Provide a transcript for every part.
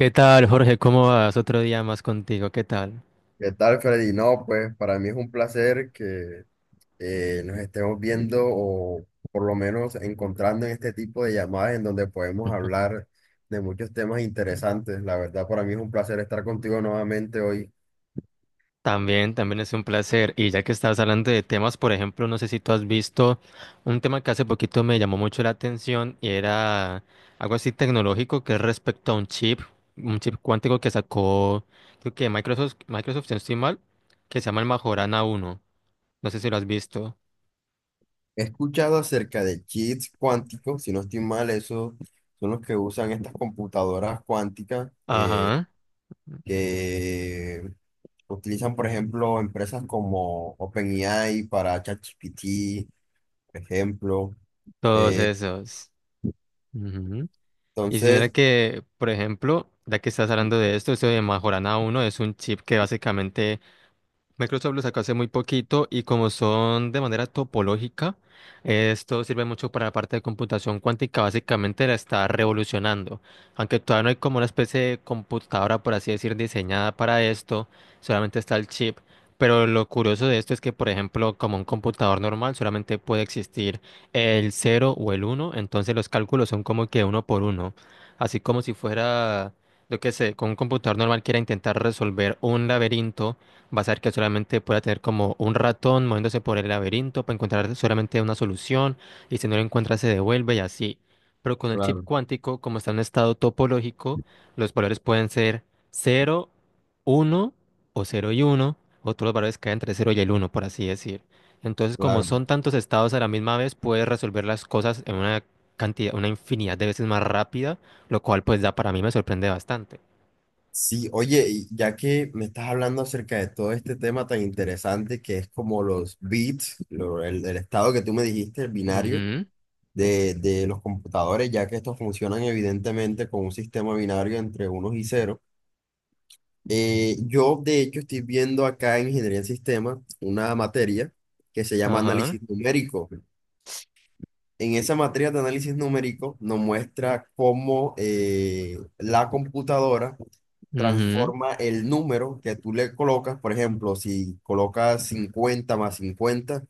¿Qué tal, Jorge? ¿Cómo vas? Otro día más contigo. ¿Qué tal? ¿Qué tal, Freddy? No, pues para mí es un placer que nos estemos viendo o por lo menos encontrando en este tipo de llamadas en donde podemos Ujú. hablar de muchos temas interesantes. La verdad, para mí es un placer estar contigo nuevamente hoy. También, también es un placer. Y ya que estás hablando de temas, por ejemplo, no sé si tú has visto un tema que hace poquito me llamó mucho la atención y era algo así tecnológico que es respecto a un chip cuántico que sacó, creo que Microsoft, si no estoy mal, que se llama el Majorana uno. No sé si lo has visto. He escuchado acerca de chips cuánticos, si no estoy mal, esos son los que usan estas computadoras cuánticas Ajá, que utilizan, por ejemplo, empresas como OpenAI para ChatGPT, por ejemplo. todos Eh, esos. Y si mira entonces, que, por ejemplo, ya que estás hablando de esto, eso de Majorana uno es un chip que básicamente Microsoft lo sacó hace muy poquito y como son de manera topológica, esto sirve mucho para la parte de computación cuántica, básicamente la está revolucionando. Aunque todavía no hay como una especie de computadora, por así decir, diseñada para esto, solamente está el chip. Pero lo curioso de esto es que, por ejemplo, como un computador normal, solamente puede existir el cero o el uno, entonces los cálculos son como que uno por uno, así como si fuera, yo qué sé, con un computador normal quiera intentar resolver un laberinto. Vas a ver que solamente pueda tener como un ratón moviéndose por el laberinto para encontrar solamente una solución y si no lo encuentra se devuelve y así. Pero con el chip Claro, cuántico, como está en un estado topológico, los valores pueden ser cero, uno, o cero y uno, o todos los valores caen entre cero y el uno, por así decir. Entonces, como claro. son tantos estados a la misma vez, puedes resolver las cosas en una cantidad, una infinidad de veces más rápida, lo cual pues da, para mí me sorprende bastante. Sí, oye, y ya que me estás hablando acerca de todo este tema tan interesante que es como los bits, el estado que tú me dijiste, el binario Ujú. De los computadores, ya que estos funcionan evidentemente con un sistema binario entre unos y ceros. Yo, de hecho, estoy viendo acá en ingeniería en sistemas una materia que se llama Ajá. análisis numérico. En esa materia de análisis numérico nos muestra cómo la computadora Ujú. transforma el número que tú le colocas, por ejemplo, si colocas 50 más 50,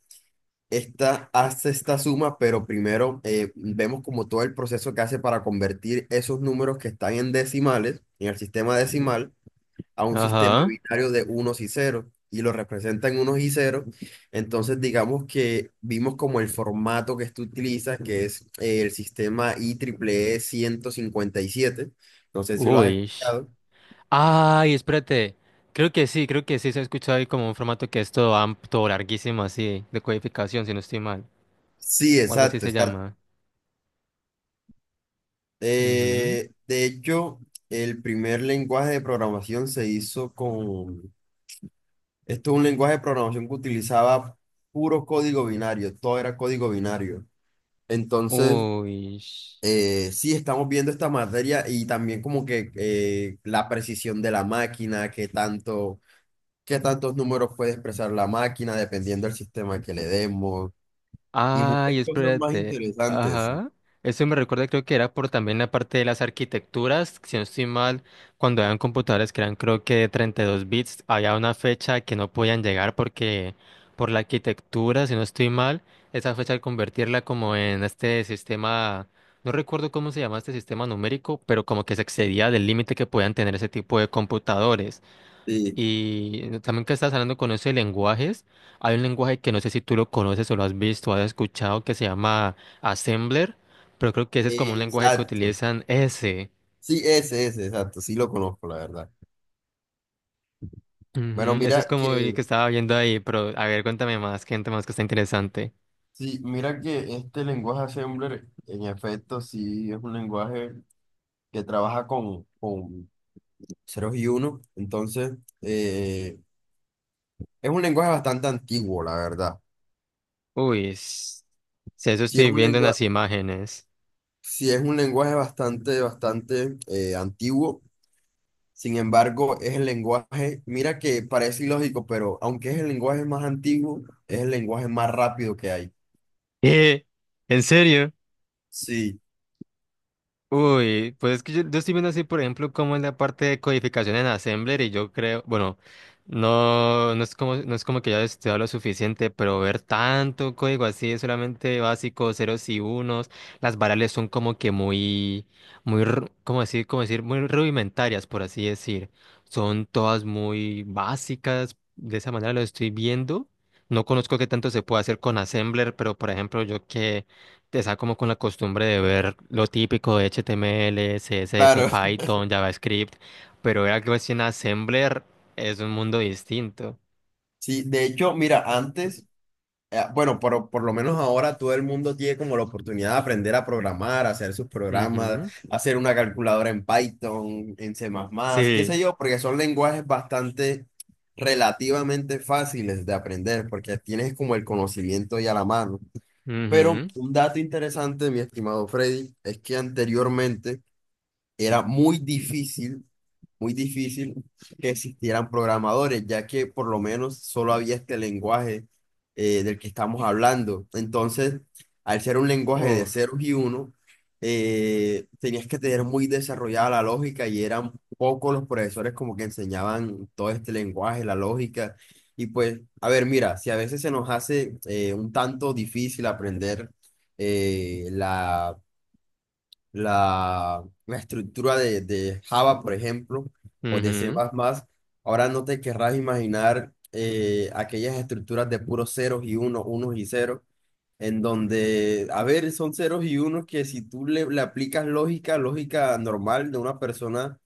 esta hace esta suma, pero primero vemos como todo el proceso que hace para convertir esos números que están en decimales, en el sistema decimal, a un sistema Ajá. binario de unos y ceros. Y lo representa en unos y ceros. Entonces, digamos que vimos como el formato que tú utilizas, que es el sistema IEEE 157. No sé si lo has Uy. escuchado. Ay, espérate. Creo que sí se ha escuchado ahí como un formato que es todo amplio, todo larguísimo así, de codificación, si no estoy mal. Sí, O algo así exacto, se exacto. llama. Ujú. De hecho, el primer lenguaje de programación se hizo con... Esto es un lenguaje de programación que utilizaba puro código binario, todo era código binario. Entonces, Uy. Sí, estamos viendo esta materia y también como que la precisión de la máquina, qué tanto, qué tantos números puede expresar la máquina dependiendo del sistema que le demos y muchas Ay, cosas más espérate. interesantes. Ajá. Eso me recuerda, creo que era por también la parte de las arquitecturas. Si no estoy mal, cuando eran computadores que eran, creo que de 32 bits, había una fecha que no podían llegar porque, por la arquitectura, si no estoy mal, esa fecha al convertirla como en este sistema, no recuerdo cómo se llama este sistema numérico, pero como que se excedía del límite que podían tener ese tipo de computadores. Sí. Y también que estás hablando con eso de lenguajes, hay un lenguaje que no sé si tú lo conoces o lo has visto, o has escuchado, que se llama Assembler, pero creo que ese es Sí, como un lenguaje que exacto. utilizan ese. Sí, ese, exacto, sí lo conozco, la verdad. Bueno, Ujú. Ese es mira como el que, que estaba viendo ahí, pero a ver, cuéntame más, gente más que está interesante. sí, mira que este lenguaje Assembler, en efecto, sí es un lenguaje que trabaja con ceros y unos, entonces, eh, es un lenguaje bastante antiguo, la verdad. Uy, si eso Sí es estoy un viendo en las lenguaje, imágenes. sí es un lenguaje bastante, bastante antiguo, sin embargo, es el lenguaje, mira que parece ilógico, pero aunque es el lenguaje más antiguo, es el lenguaje más rápido que hay. ¿Eh? ¿En serio? Sí, Uy, pues es que yo estoy viendo así, por ejemplo, como en la parte de codificación en Assembler, y yo creo, bueno, no, no es como que ya he estudiado lo suficiente, pero ver tanto código así es solamente básico, ceros y unos. Las variables son como que muy, muy, cómo decir, muy rudimentarias, por así decir, son todas muy básicas, de esa manera lo estoy viendo. No conozco qué tanto se puede hacer con Assembler, pero por ejemplo, yo que está como con la costumbre de ver lo típico de HTML, CSS, claro. Python, JavaScript, pero ver algo así en Assembler es un mundo distinto. Sí, de hecho, mira, antes, bueno, por lo menos ahora todo el mundo tiene como la oportunidad de aprender a programar, a hacer sus programas, Ujú. hacer una calculadora en Python, en C++, qué sé Sí. yo, porque son lenguajes bastante relativamente fáciles de aprender, porque tienes como el conocimiento ya a la mano. Pero Ujú. un dato interesante, mi estimado Freddy, es que anteriormente era muy difícil que existieran programadores, ya que por lo menos solo había este lenguaje del que estamos hablando. Entonces, al ser un lenguaje de Uf. ceros y uno, tenías que tener muy desarrollada la lógica y eran pocos los profesores como que enseñaban todo este lenguaje, la lógica. Y pues, a ver, mira, si a veces se nos hace un tanto difícil aprender eh, la la, la estructura de Java, por ejemplo, o de C++, Ujú. ahora no te querrás imaginar aquellas estructuras de puros ceros y unos, unos y ceros, en donde, a ver, son ceros y unos que si tú le aplicas lógica, lógica normal de una persona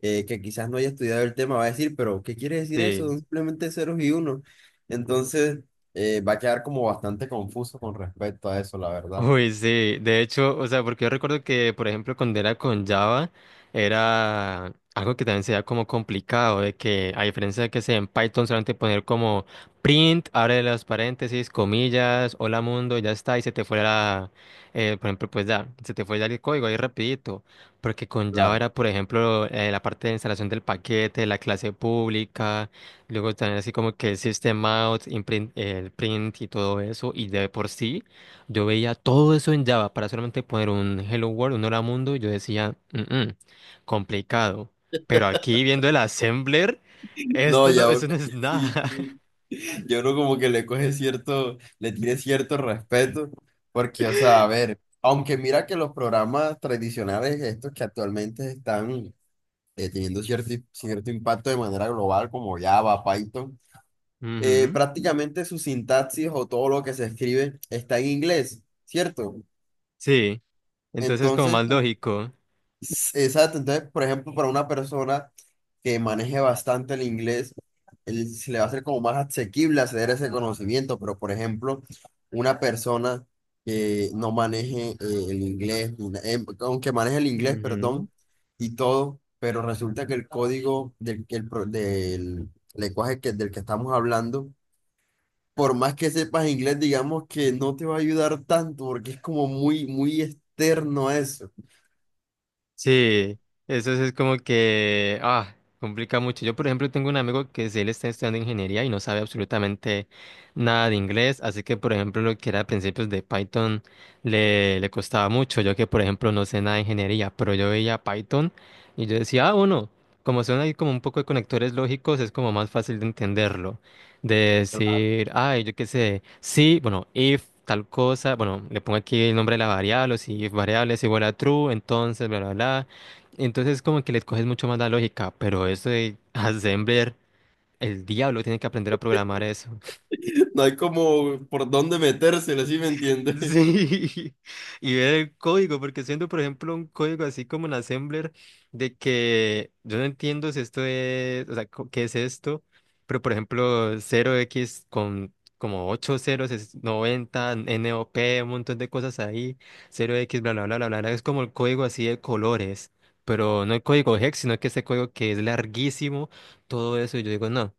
que quizás no haya estudiado el tema, va a decir, pero ¿qué quiere decir eso? Sí. Son simplemente ceros y unos. Entonces, va a quedar como bastante confuso con respecto a eso, la verdad. Uy, sí, de hecho, o sea, porque yo recuerdo que, por ejemplo, cuando era con Java, era algo que también se veía como complicado, de que a diferencia de que sea en Python solamente poner como print, abre las paréntesis, comillas, hola mundo, y ya está, y se te fue la, por ejemplo, pues ya, se te fue ya el código ahí rapidito, porque con Java Claro. era, por ejemplo, la parte de instalación del paquete, la clase pública, luego también así como que el system out, el print y todo eso, y de por sí yo veía todo eso en Java para solamente poner un Hello World, un Hola Mundo, y yo decía, "Mm-mm, complicado". Pero aquí viendo el assembler, No, esto no, ya, uno eso no es sí, nada. sí. Yo uno como que le coge cierto, le tiene cierto respeto, porque, o sea, a ver, aunque mira que los programas tradicionales, estos que actualmente están teniendo cierto, cierto impacto de manera global, como Java, Python, Ujú. prácticamente su sintaxis o todo lo que se escribe está en inglés, ¿cierto? Sí, entonces como Entonces, más lógico. exacto, entonces, por ejemplo, para una persona que maneje bastante el inglés, se le va a hacer como más asequible acceder a ese conocimiento, pero por ejemplo, una persona que no maneje el inglés, ni na- em, aunque maneje el inglés, Ujú. perdón, y todo, pero resulta que el código del, del lenguaje que, del que estamos hablando, por más que sepas inglés, digamos que no te va a ayudar tanto, porque es como muy, muy externo a eso. Sí, eso sí es como que, ah, complica mucho. Yo, por ejemplo, tengo un amigo que si él está estudiando ingeniería y no sabe absolutamente nada de inglés, así que, por ejemplo, lo que era principios de Python le costaba mucho. Yo que, por ejemplo, no sé nada de ingeniería, pero yo veía Python y yo decía, ah, bueno, como son ahí como un poco de conectores lógicos, es como más fácil de entenderlo. De decir, ay, yo qué sé, sí, bueno, if tal cosa, bueno, le pongo aquí el nombre de la variable, o si if variable es igual a true, entonces, bla, bla, bla. Entonces, como que le coges mucho más la lógica, pero eso de assembler, el diablo tiene que aprender a programar eso. No hay como por dónde metérsela, ¿sí me entiende? Sí, y ver el código, porque siendo, por ejemplo, un código así como en Assembler, de que yo no entiendo si esto es, o sea, qué es esto, pero por ejemplo, cero x con como 8 ceros es 90, NOP, un montón de cosas ahí, cero x bla, bla, bla, bla, bla, bla, es como el código así de colores, pero no el código hex, sino que ese código que es larguísimo, todo eso, y yo digo, no.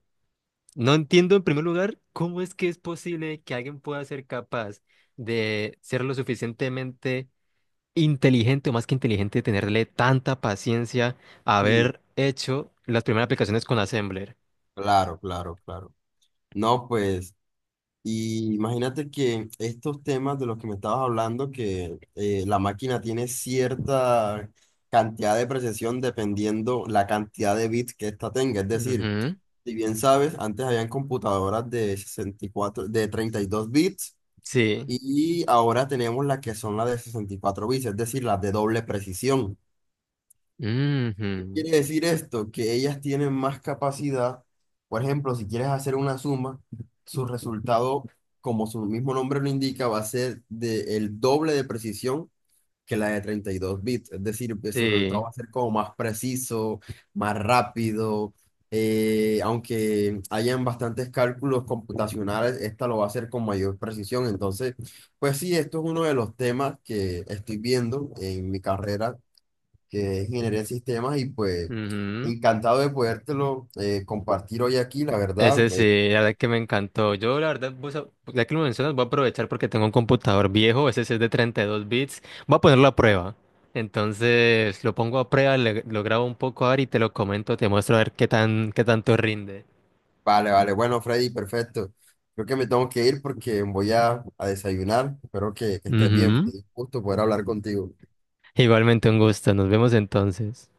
No entiendo en primer lugar cómo es que es posible que alguien pueda ser capaz de ser lo suficientemente inteligente o más que inteligente, tenerle tanta paciencia a Sí, haber hecho las primeras aplicaciones con Assembler. claro, claro, claro. No, pues, y imagínate que estos temas de los que me estabas hablando, que la máquina tiene cierta cantidad de precisión dependiendo la cantidad de bits que ésta tenga. Es decir, Ujú. si bien sabes, antes habían computadoras de 64, de 32 bits Sí. y ahora tenemos las que son las de 64 bits, es decir, las de doble precisión. Ujú. Quiere decir esto, que ellas tienen más capacidad. Por ejemplo, si quieres hacer una suma, su resultado, como su mismo nombre lo indica, va a ser de el doble de precisión que la de 32 bits. Es decir, pues, su resultado Sí. va a ser como más preciso, más rápido. Aunque hayan bastantes cálculos computacionales, esta lo va a hacer con mayor precisión. Entonces, pues sí, esto es uno de los temas que estoy viendo en mi carrera que es ingeniería en sistemas y pues Ujú. encantado de podértelo compartir hoy aquí, la verdad. Ese sí, la verdad que me encantó. Yo, la verdad, ya que lo mencionas, voy a aprovechar porque tengo un computador viejo, ese sí es de 32 bits. Voy a ponerlo a prueba. Entonces, lo pongo a prueba, lo grabo un poco ahora y te lo comento, te muestro a ver qué tanto rinde. Vale, vale, bueno, Freddy, perfecto. Creo que me tengo que ir porque voy a desayunar. Espero que estés bien. Fue Ujú. un gusto poder hablar contigo. Igualmente un gusto, nos vemos entonces.